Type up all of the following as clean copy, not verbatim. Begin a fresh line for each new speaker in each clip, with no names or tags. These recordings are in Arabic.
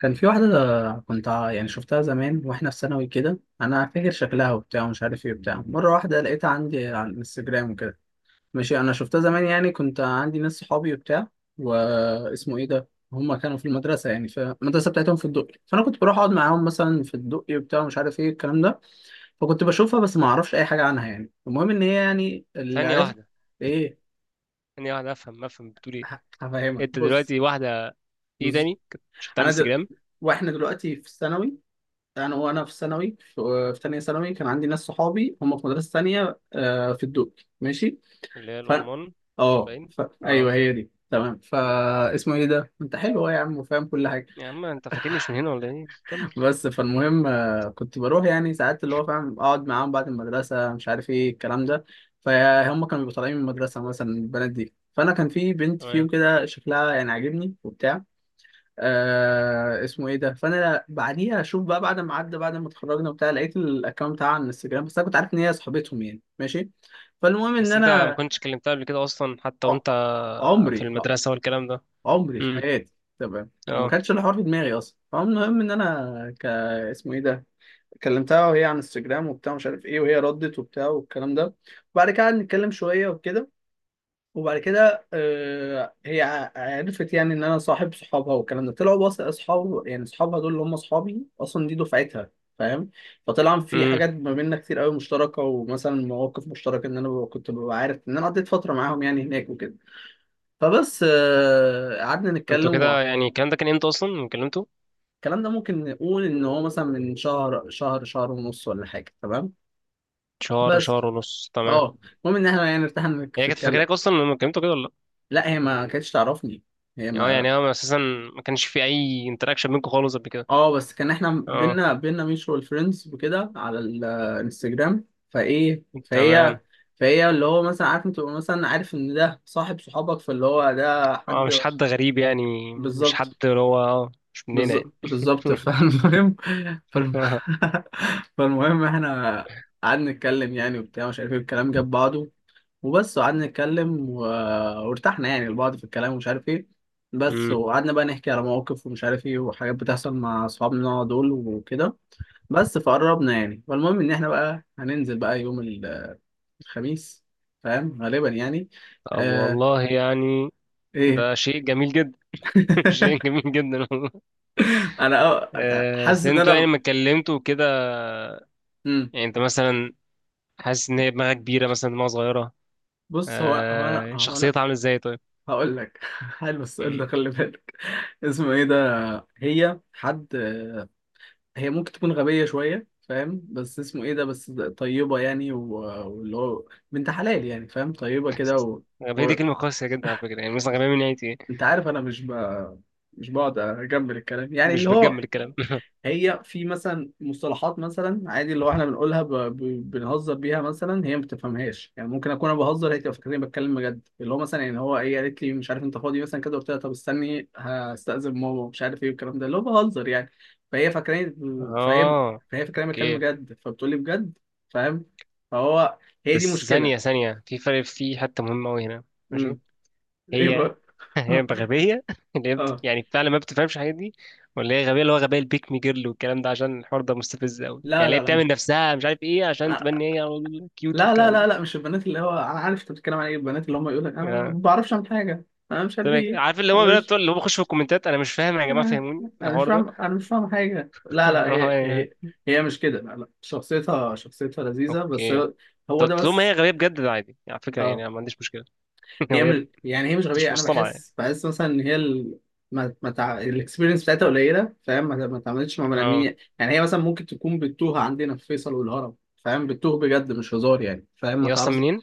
كان في واحدة كنت يعني شفتها زمان واحنا في ثانوي كده، انا فاكر شكلها وبتاع ومش عارف ايه وبتاع. مرة واحدة لقيتها عندي على الانستجرام وكده. ماشي، انا شفتها زمان يعني كنت عندي ناس صحابي وبتاع. واسمه ايه ده، هما كانوا في المدرسة يعني في المدرسة بتاعتهم في الدقي، فانا كنت بروح اقعد معاهم مثلا في الدقي وبتاع مش عارف ايه الكلام ده. فكنت بشوفها بس ما اعرفش اي حاجة عنها يعني. المهم ان هي يعني اللي
ثانية
عرفت
واحدة
ايه.
ثانية واحدة، أفهم بتقول إيه؟
هفهمك.
أنت
بص
دلوقتي واحدة. إيه
بص
تاني؟ كنت شفتها على
انا دل...
الانستجرام؟
واحنا دلوقتي في الثانوي، انا في ثانوي، في ثانيه ثانوي، كان عندي ناس صحابي هم في مدرسه ثانيه آه، في الدقي، ماشي.
اللي هي
ف
الأورمون. باين. أه.
ايوه هي دي، تمام.
مم.
فا اسمه ايه ده، انت حلو أهو يا عم وفاهم كل حاجه.
يا عم أنت فاكرني مش من هنا ولا إيه؟ كمل.
بس فالمهم كنت بروح يعني ساعات اللي هو فاهم اقعد معاهم بعد المدرسه مش عارف ايه الكلام ده. فهم كانوا بيبقوا طالعين من المدرسه مثلا البنات دي، فانا كان في بنت فيهم
تمام.
كده شكلها يعني عاجبني وبتاع. آه اسمه ايه ده، فانا بعديها اشوف بقى بعد ما عدى بعد ما اتخرجنا وبتاع، لقيت الاكونت بتاعها على الانستجرام. بس انا كنت عارف ان هي صاحبتهم يعني، ماشي. فالمهم ان
بس أنت ما
انا
كنتش كلمتها قبل كده أصلا، حتى وأنت
ع-
في
عمري
المدرسة والكلام ده؟
عمري في
مم.
حياتي. تمام، ما
أه.
كانش الحوار في دماغي اصلا. فالمهم ان انا اسمه ايه ده، كلمتها وهي على انستجرام وبتاع مش عارف ايه، وهي ردت وبتاع والكلام ده. وبعد كده قعدنا نتكلم شويه وكده. وبعد كده آه، هي عرفت يعني ان انا صاحب صحابها، والكلام ده طلعوا بس اصحاب يعني صحابها دول اللي هم اصحابي اصلا، دي دفعتها. فاهم. فطلع في
مم.
حاجات ما بيننا كتير قوي مشتركه، ومثلا مواقف مشتركه ان انا كنت ببقى عارف ان انا قضيت فتره معاهم يعني هناك وكده. فبس آه، قعدنا
أنتوا
نتكلم.
كده يعني الكلام ده كان إمتى أصلا لما كلمته؟
الكلام ده ممكن نقول ان هو مثلا من شهر، شهر، شهر ونص ولا حاجه. تمام،
شهر،
بس
شهر ونص، تمام.
اه، المهم ان احنا يعني ارتحنا
هي
في
كانت
الكلام.
فاكراك أصلا لما كلمته كده، ولا؟
لا، هي ما كانتش تعرفني. هي
لأ. أه،
ما
يعني هو أساسا ما كانش في أي انتراكشن بينكم خالص قبل كده؟
اه بس كان احنا
أه،
بينا ميوتشوال فريندز وكده على الانستجرام. فايه فهي
تمام.
فهي اللي هو مثلا عارف انت تبقى مثلا عارف ان ده صاحب صحابك، فاللي هو ده
اه،
حد.
مش حد غريب، يعني مش حد
بالظبط.
اللي هو مش مننا
بالظ-
يعني.
بالظبط فالمهم. فالم... فالمهم احنا قعدنا نتكلم يعني وبتاع مش عارف ايه، الكلام جاب بعضه. وبس وقعدنا نتكلم. وارتحنا يعني لبعض في الكلام ومش عارف ايه. بس
امم.
وقعدنا بقى نحكي على مواقف ومش عارف ايه، وحاجات بتحصل مع اصحابنا دول وكده. بس فقربنا يعني. فالمهم ان احنا بقى هننزل بقى يوم الخميس، فاهم غالبا يعني.
طب
آه...
والله يعني
ايه.
ده شيء جميل جدا. شيء جميل جدا والله.
انا حاسس
بس
ان
انتوا يعني
انا
ما اتكلمتوا كده، يعني انت مثلا حاسس ان هي دماغها كبيره مثلا دماغها صغيره؟
بص، هو هو انا هو انا
شخصيتها عامله ازاي طيب؟
هقول لك. حلو السؤال
امم.
ده، خلي بالك. اسمه ايه ده، هي حد، هي ممكن تكون غبية شوية فاهم، بس اسمه ايه ده بس طيبة يعني، واللي هو بنت حلال يعني فاهم طيبة كده و...
غبية
و...
دي كلمة قاسية جدا على فكرة، يعني مثلا غبية من ناحية ايه؟
انت عارف انا مش بقعد اجمل الكلام يعني
مش
اللي
بتجمل
هو.
الكلام.
هي في مثلا مصطلحات مثلا عادي اللي هو احنا بنقولها بنهزر بيها، مثلا هي ما بتفهمهاش يعني. ممكن اكون انا بهزر، هي تبقى فاكراني بتكلم بجد. اللي هو مثلا يعني هو ايه، قالت لي مش عارف انت فاضي مثلا كده، قلت لها طب استني هستأذن ماما مش عارف ايه والكلام ده، اللي هو بهزر يعني. فهي فاكراني فهي
اه،
فهي فاكراني بتكلم
اوكي.
بجد، فبتقول لي بجد. فاهم. فهو، هي دي
بس
مشكلة.
ثانية ثانية، في فرق، في حتة مهمة أوي هنا. ماشي.
امم. ايه
هي.
بقى.
هي غبية، اللي هي
اه.
يعني فعلا ما بتفهمش الحاجات دي، ولا هي غبية اللي هو غبية البيك مي جيرل والكلام ده؟ عشان الحوار ده مستفز قوي، يعني
لا
اللي هي
لا
بتعمل نفسها مش عارف ايه عشان
لا
تبني هي كيوت
لا لا
والكلام ده.
لا لا، مش البنات، اللي هو انا عارف انت بتتكلم عن ايه، البنات اللي هم يقول لك انا
آه.
ما بعرفش اعمل حاجه انا مش
طب
عارف
إيه،
ايه.
عارف اللي هو
انا
الولاد بتوع
مش
اللي هو بيخشوا في الكومنتات؟ انا مش فاهم يا جماعة،
انا
فهموني
مش
الحوار ده.
فاهم، انا مش فاهم حاجه. لا لا هي
يعني
هي هي مش كده. لا، شخصيتها، شخصيتها لذيذه بس
اوكي.
هو، هو
طب
ده
طول ما هي
بس.
غبية بجد، ده عادي يعني، على فكرة يعني
اه،
أنا ما عنديش مشكلة. لو
هي
هي
مش يعني، هي مش
مش
غبيه، انا
مصطنعة يعني.
بحس، بحس مثلا ان هي ما ما تع... الاكسبيرينس بتاعتها قليله فاهم، ما ما اتعاملتش مع بني
اه.
ادمين يعني. هي مثلا ممكن تكون بتتوه عندنا في فيصل والهرم، فاهم، بتتوه بجد مش هزار يعني فاهم، ما
هي اصلا
تعرفش.
منين؟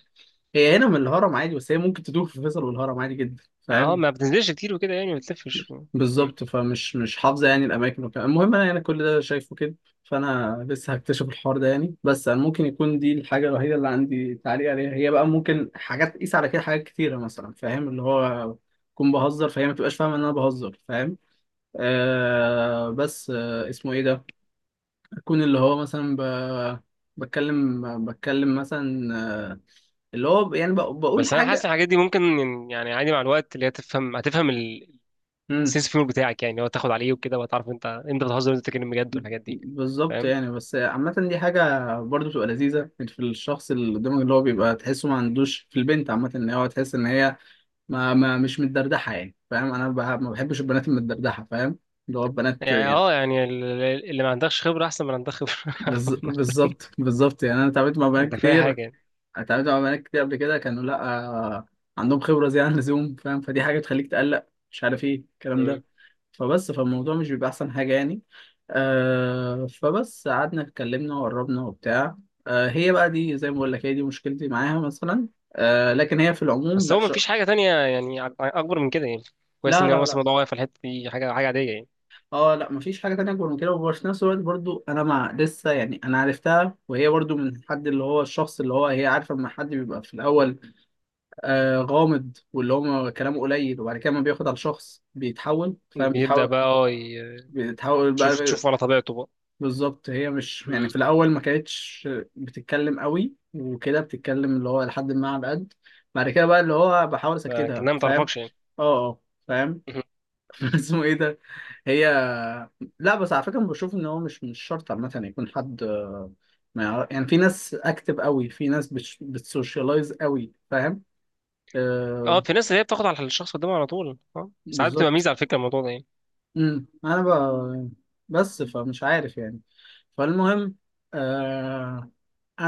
هي هنا من الهرم عادي، بس هي ممكن تدور في فيصل والهرم عادي جدا
اه،
فاهم.
ما بتنزلش كتير وكده، يعني ما بتلفش. مم.
بالظبط. فمش، مش حافظه يعني الاماكن وكده. المهم انا يعني كل ده شايفه كده. فانا لسه هكتشف الحوار ده يعني. بس انا ممكن يكون دي الحاجه الوحيده اللي عندي تعليق عليها. هي بقى ممكن حاجات تقيس على كده حاجات كتيره مثلا فاهم، اللي هو اكون بهزر فهي ما تبقاش فاهمه ان انا بهزر، فاهم. آه بس آه اسمه ايه ده، اكون اللي هو مثلا بتكلم مثلا آه، اللي هو يعني بقول
بس انا
حاجه.
حاسس الحاجات دي ممكن يعني عادي، مع الوقت اللي هي تفهم هتفهم سينس فيور بتاعك، يعني هو تاخد عليه وكده وتعرف انت بتهزر وانت بتتكلم بجد والحاجات دي.
بالظبط
فاهم؟
يعني، بس عامة دي حاجة برضو بتبقى لذيذة يعني في الشخص اللي قدامك، اللي هو بيبقى تحسه ما عندوش في البنت عامة ان هو تحس ان هي ما, ما مش متدردحة يعني فاهم، انا ما بحبش البنات المتدردحة فاهم، اللي هو البنات
يعني
يعني.
اه، يعني اللي ما عندكش خبره احسن من اللي عندك خبره.
بز-
عامة.
بالظبط بالظبط يعني، انا اتعاملت مع بنات
انت فاهم
كتير،
حاجه يعني.
قبل كده كانوا لا آه، عندهم خبرة زيادة عن اللزوم فاهم، فدي حاجة بتخليك تقلق مش عارف ايه الكلام
مم.
ده. فبس فالموضوع مش بيبقى احسن حاجه يعني. آه فبس قعدنا اتكلمنا وقربنا وبتاع. آه هي بقى دي زي ما بقول لك، هي دي مشكلتي معاها مثلا. آه لكن هي في العموم
بس
لا
هو ما
شا.
فيش حاجه تانية يعني اكبر من كده يعني؟ كويس
لا
ان هو
لا لا
مثلا الموضوع واقف في الحته دي، حاجه حاجه عاديه يعني.
اه لا، مفيش حاجه تانية اكبر من كده. وفي نفس الوقت برضو انا مع لسه يعني انا عرفتها، وهي برضو من حد اللي هو الشخص اللي هو هي عارفه، لما حد بيبقى في الاول آه غامض واللي هو كلامه قليل، وبعد كده ما بياخد على الشخص بيتحول فاهم
بيبدا
بيتحول
بقى،
بيتحول
تشوف
بقى.
تشوف على طبيعته بقى.
بالظبط. هي مش يعني
مم.
في الاول ما كانتش بتتكلم قوي وكده، بتتكلم اللي هو لحد ما على قد. بعد كده بقى اللي هو بحاول اسكتها
لكنها ما
فاهم.
تعرفكش يعني.
اه، فاهم.
مهم.
اسمه ايه ده، هي لا بس على فكره بشوف ان هو مش، مش شرط عامه يكون حد آه، ما يعرف يعني. في ناس اكتف قوي، في ناس بتسوشيالايز قوي فاهم.
اه،
آه.
في ناس اللي هي بتاخد على الشخص قدامها على طول، ساعات بتبقى
بالظبط.
ميزه على فكره الموضوع ده يعني.
امم، انا بس فمش عارف يعني. فالمهم آه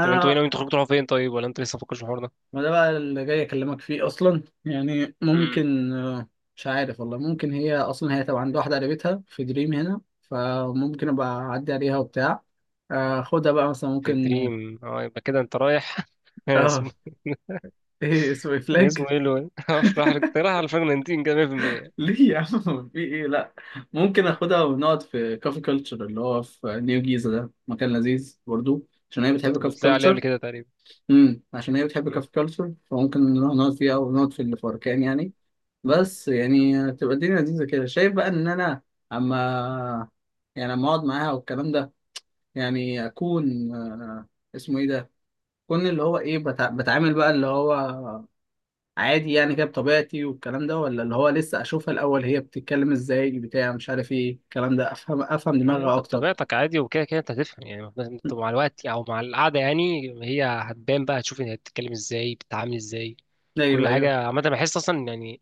طب انتوا ايه ناويين تخرجوا تروحوا فين طيب، ولا انتوا لسه مفكرش في الحوار
ما ده بقى اللي جاي اكلمك فيه اصلا يعني.
ده؟
ممكن آه، مش عارف والله. ممكن هي اصلا، هي طبعا عندها واحده قريبتها في دريم هنا، فممكن ابقى اعدي عليها وبتاع آه، خدها بقى مثلا
في
ممكن.
دريم؟ اه يبقى كده انت رايح.
اه آه،
اسمه
ايه اسمه إيه؟ فلاج.
اسمه ايه لو افرح لك انت رايح على الفرنتين كده 100%. انت
ليه يا عم، في ايه، لا. ممكن اخدها ونقعد في كافي كلتشر اللي هو في نيو جيزه، ده مكان لذيذ برضو عشان هي بتحب
كنت
كافي
بتلاقي عليه قبل
كلتشر.
كده تقريبا؟
امم، عشان هي بتحب
مم.
كافي كلتشر فممكن نروح نقعد فيها ونقعد في اللي في أركان يعني. بس يعني تبقى الدنيا لذيذة كده. شايف بقى إن أنا أما، يعني أما أقعد معاها والكلام ده، يعني أكون آه، اسمه إيه ده؟ أكون اللي هو إيه بتعامل بقى اللي هو عادي يعني كده بطبيعتي والكلام ده، ولا اللي هو لسه أشوفها الأول، هي بتتكلم إزاي بتاع مش عارف إيه الكلام ده، أفهم، أفهم
لا،
دماغها
انت
أكتر.
بطبيعتك عادي، وكده كده انت هتفهم، يعني لازم انت مع الوقت او مع القعده، يعني هي هتبان بقى، هتشوف هي بتتكلم ازاي، بتتعامل ازاي.
أيوه
كل
أيوه
حاجه عامه بحس اصلا يعني،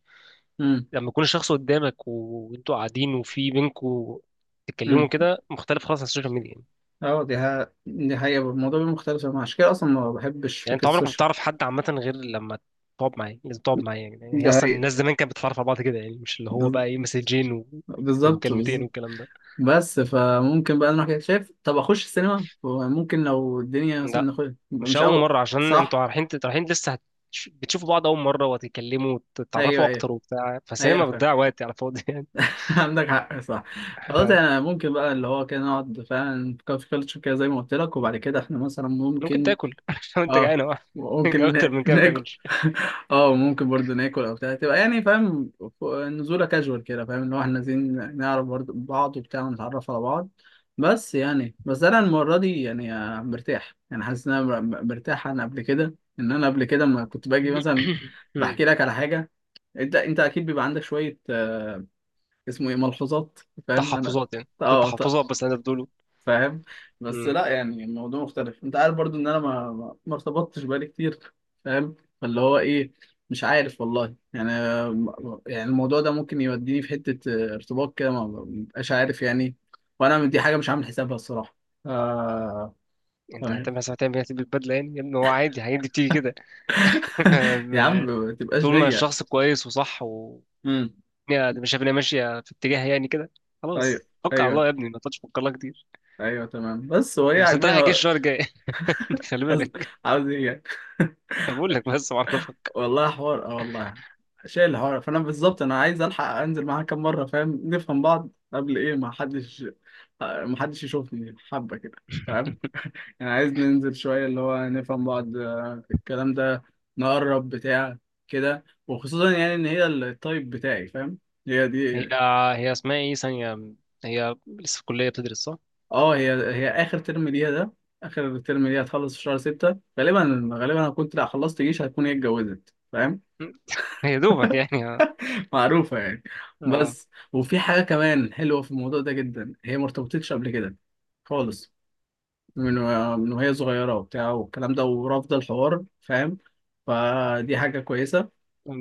أمم.
لما يكون الشخص قدامك و- وانتوا قاعدين وفي بينكوا تتكلموا
أمم
كده، مختلف خالص عن السوشيال ميديا.
أه، دي حقيقة، الموضوع بيبقى مختلف. أنا عشان كده أصلا ما بحبش
يعني انت
فكرة
عمرك ما
السوشيال.
بتعرف حد عامه غير لما تقعد معاه، لازم تقعد معاه يعني
دي
اصلا
حقيقة.
الناس زمان كانت بتتعرف على بعض كده، يعني مش اللي هو
بز-
بقى ايه، مسجين و-
بالظبط
ومكالمتين
بالظبط
والكلام ده.
بس فممكن بقى نروح كده، شايف طب اخش السينما ممكن، لو الدنيا مثلا
لا،
نخش يبقى
مش
مش
اول
اول.
مره، عشان انتوا
صح.
رايحين انتوا رايحين لسه بتشوفوا بعض اول مره وتتكلموا وتتعرفوا
ايوه ايوه
اكتر وبتاع،
ايوه،
فالسينما
فاهم.
بتضيع وقت على الفاضي يعني.
عندك حق، صح. خلاص انا ممكن بقى اللي هو كده نقعد فعلا في كافي كلتشر كده زي ما قلت لك، وبعد كده احنا مثلا
ممكن
ممكن
تاكل لو انت
اه،
جعان أوي.
ممكن
اكتر من كده ما
ناكل.
بتعملش.
اه ممكن برضو ناكل او بتاع تبقى يعني فاهم، نزوله كاجوال كده فاهم، اللي هو احنا عايزين نعرف برضو بعض وبتاع ونتعرف على بعض. بس يعني، بس انا المره دي يعني آه، مرتاح يعني، حاسس ان انا مرتاح عن قبل كده، ان انا قبل كده ما كنت باجي مثلا
مم.
بحكي لك على حاجه. انت، انت اكيد بيبقى عندك شويه آه، اسمه ايه، ملحوظات، فاهم انا.
تحفظات يعني، شو
اه
تحفظات بس انا بقوله.
فاهم. بس
مم.
لا يعني الموضوع مختلف، انت عارف برضو ان انا ما ارتبطتش بقالي كتير فاهم، فاللي هو ايه، مش عارف والله يعني. يعني الموضوع ده ممكن يوديني في حتة اه، ارتباط كده، ما ببقاش عارف يعني. وانا دي حاجة مش عامل حسابها الصراحة. آه...
انت
فاهم.
هتعمل حساب، هتعمل هتلبس بدله يعني يا ابني، هو عادي هيدي بتيجي كده.
يا عم ما تبقاش
طول ما
ضيق.
الشخص كويس وصح، و
امم.
يعني مش شايف ان هي ماشيه في اتجاه يعني كده،
ايوه
خلاص توكل على الله
ايوه
يا ابني، ما تقعدش تفكر لها كتير.
ايوه، تمام. بس هو ايه،
بس انت رايح
عاجبني
الجيش
هو.
الشهر الجاي. خلي
قصد-
بالك.
عاوز ايه يعني.
أنا بقول لك بس معرفك.
والله حوار اه والله، شايل الحوار. فانا بالظبط انا عايز الحق انزل معاها كام مره فاهم، نفهم بعض قبل ايه، ما حدش يشوفني حبه كده، فاهم. يعني عايز ننزل شويه اللي هو نفهم بعض آه، الكلام ده، نقرب بتاع كده. وخصوصا يعني ان هي التايب بتاعي، فاهم. هي
هي
دي.
هي اسمها ايه ثانيه؟ هي لسه في الكليه بتدرس صح؟
اه، هي اخر ترم ليها ده، اخر ترم ليها هتخلص في شهر 6 غالبا. غالبا هكون لا، خلصت جيش هتكون هي اتجوزت فاهم،
هي دوبك يعني، اه.
معروفة يعني.
آه.
بس، وفي حاجة كمان حلوة في الموضوع ده جدا، هي ما ارتبطتش قبل كده خالص، من من وهي صغيرة وبتاع والكلام ده، ورافضة الحوار فاهم. فدي حاجة كويسة.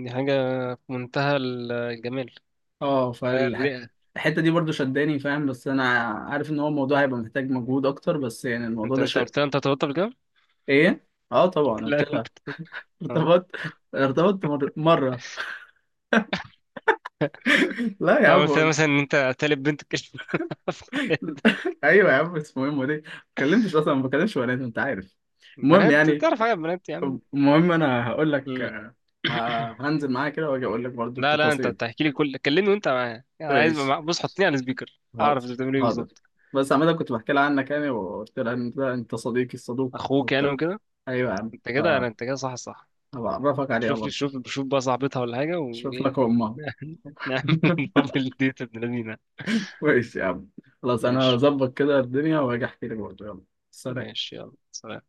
دي حاجه في منتهى الجمال.
اه
الرئه.
فالحتة دي برضو شداني فاهم. بس أنا عارف إن هو الموضوع هيبقى محتاج مجهود أكتر. بس يعني الموضوع
انت
ده
انت قلت لها انت ارتبطت قبل كده؟
إيه؟ اه طبعا قلت
لا انت.
لها.
اه.
ارتبطت، ارتبطت مرة. لا يا
لو قلت لها
عم.
مثلا ان انت تالت بنت كده في حياتك.
ايوه يا عم، اسمه ايه أمال إيه؟ ما اتكلمتش اصلا، ما بكلمش بنات انت عارف. المهم
بنات
يعني.
تعرف حاجه، بنات يا عم.
طب المهم انا هقول لك.
مم.
هنزل معايا كده واجي اقول لك برضو
لا لا، انت
التفاصيل.
بتحكي لي كل، كلمني وانت معايا، انا عايز
ماشي،
بص حطني على السبيكر اعرف انت
حاضر
بتعمل ايه
حاضر.
بالظبط.
بس عمال كنت بحكي لها عنك يعني، وقلت لها ان ده انت صديقي الصدوق
اخوك يعني
وبتاع.
وكده.
ايوه يا عم.
انت كده انا، انت كده، صح صح.
فهبعرفك عليها
شوف لي،
برضو.
شوف شوف بقى صاحبتها ولا حاجه
اشوف
وايه.
لك امها.
نعمل دبل ديت ابن لذينه.
ماشي يا عم. خلاص انا
ماشي.
هظبط كده الدنيا واجي احكي لك برضو. يلا، سلام.
ماشي يلا سلام.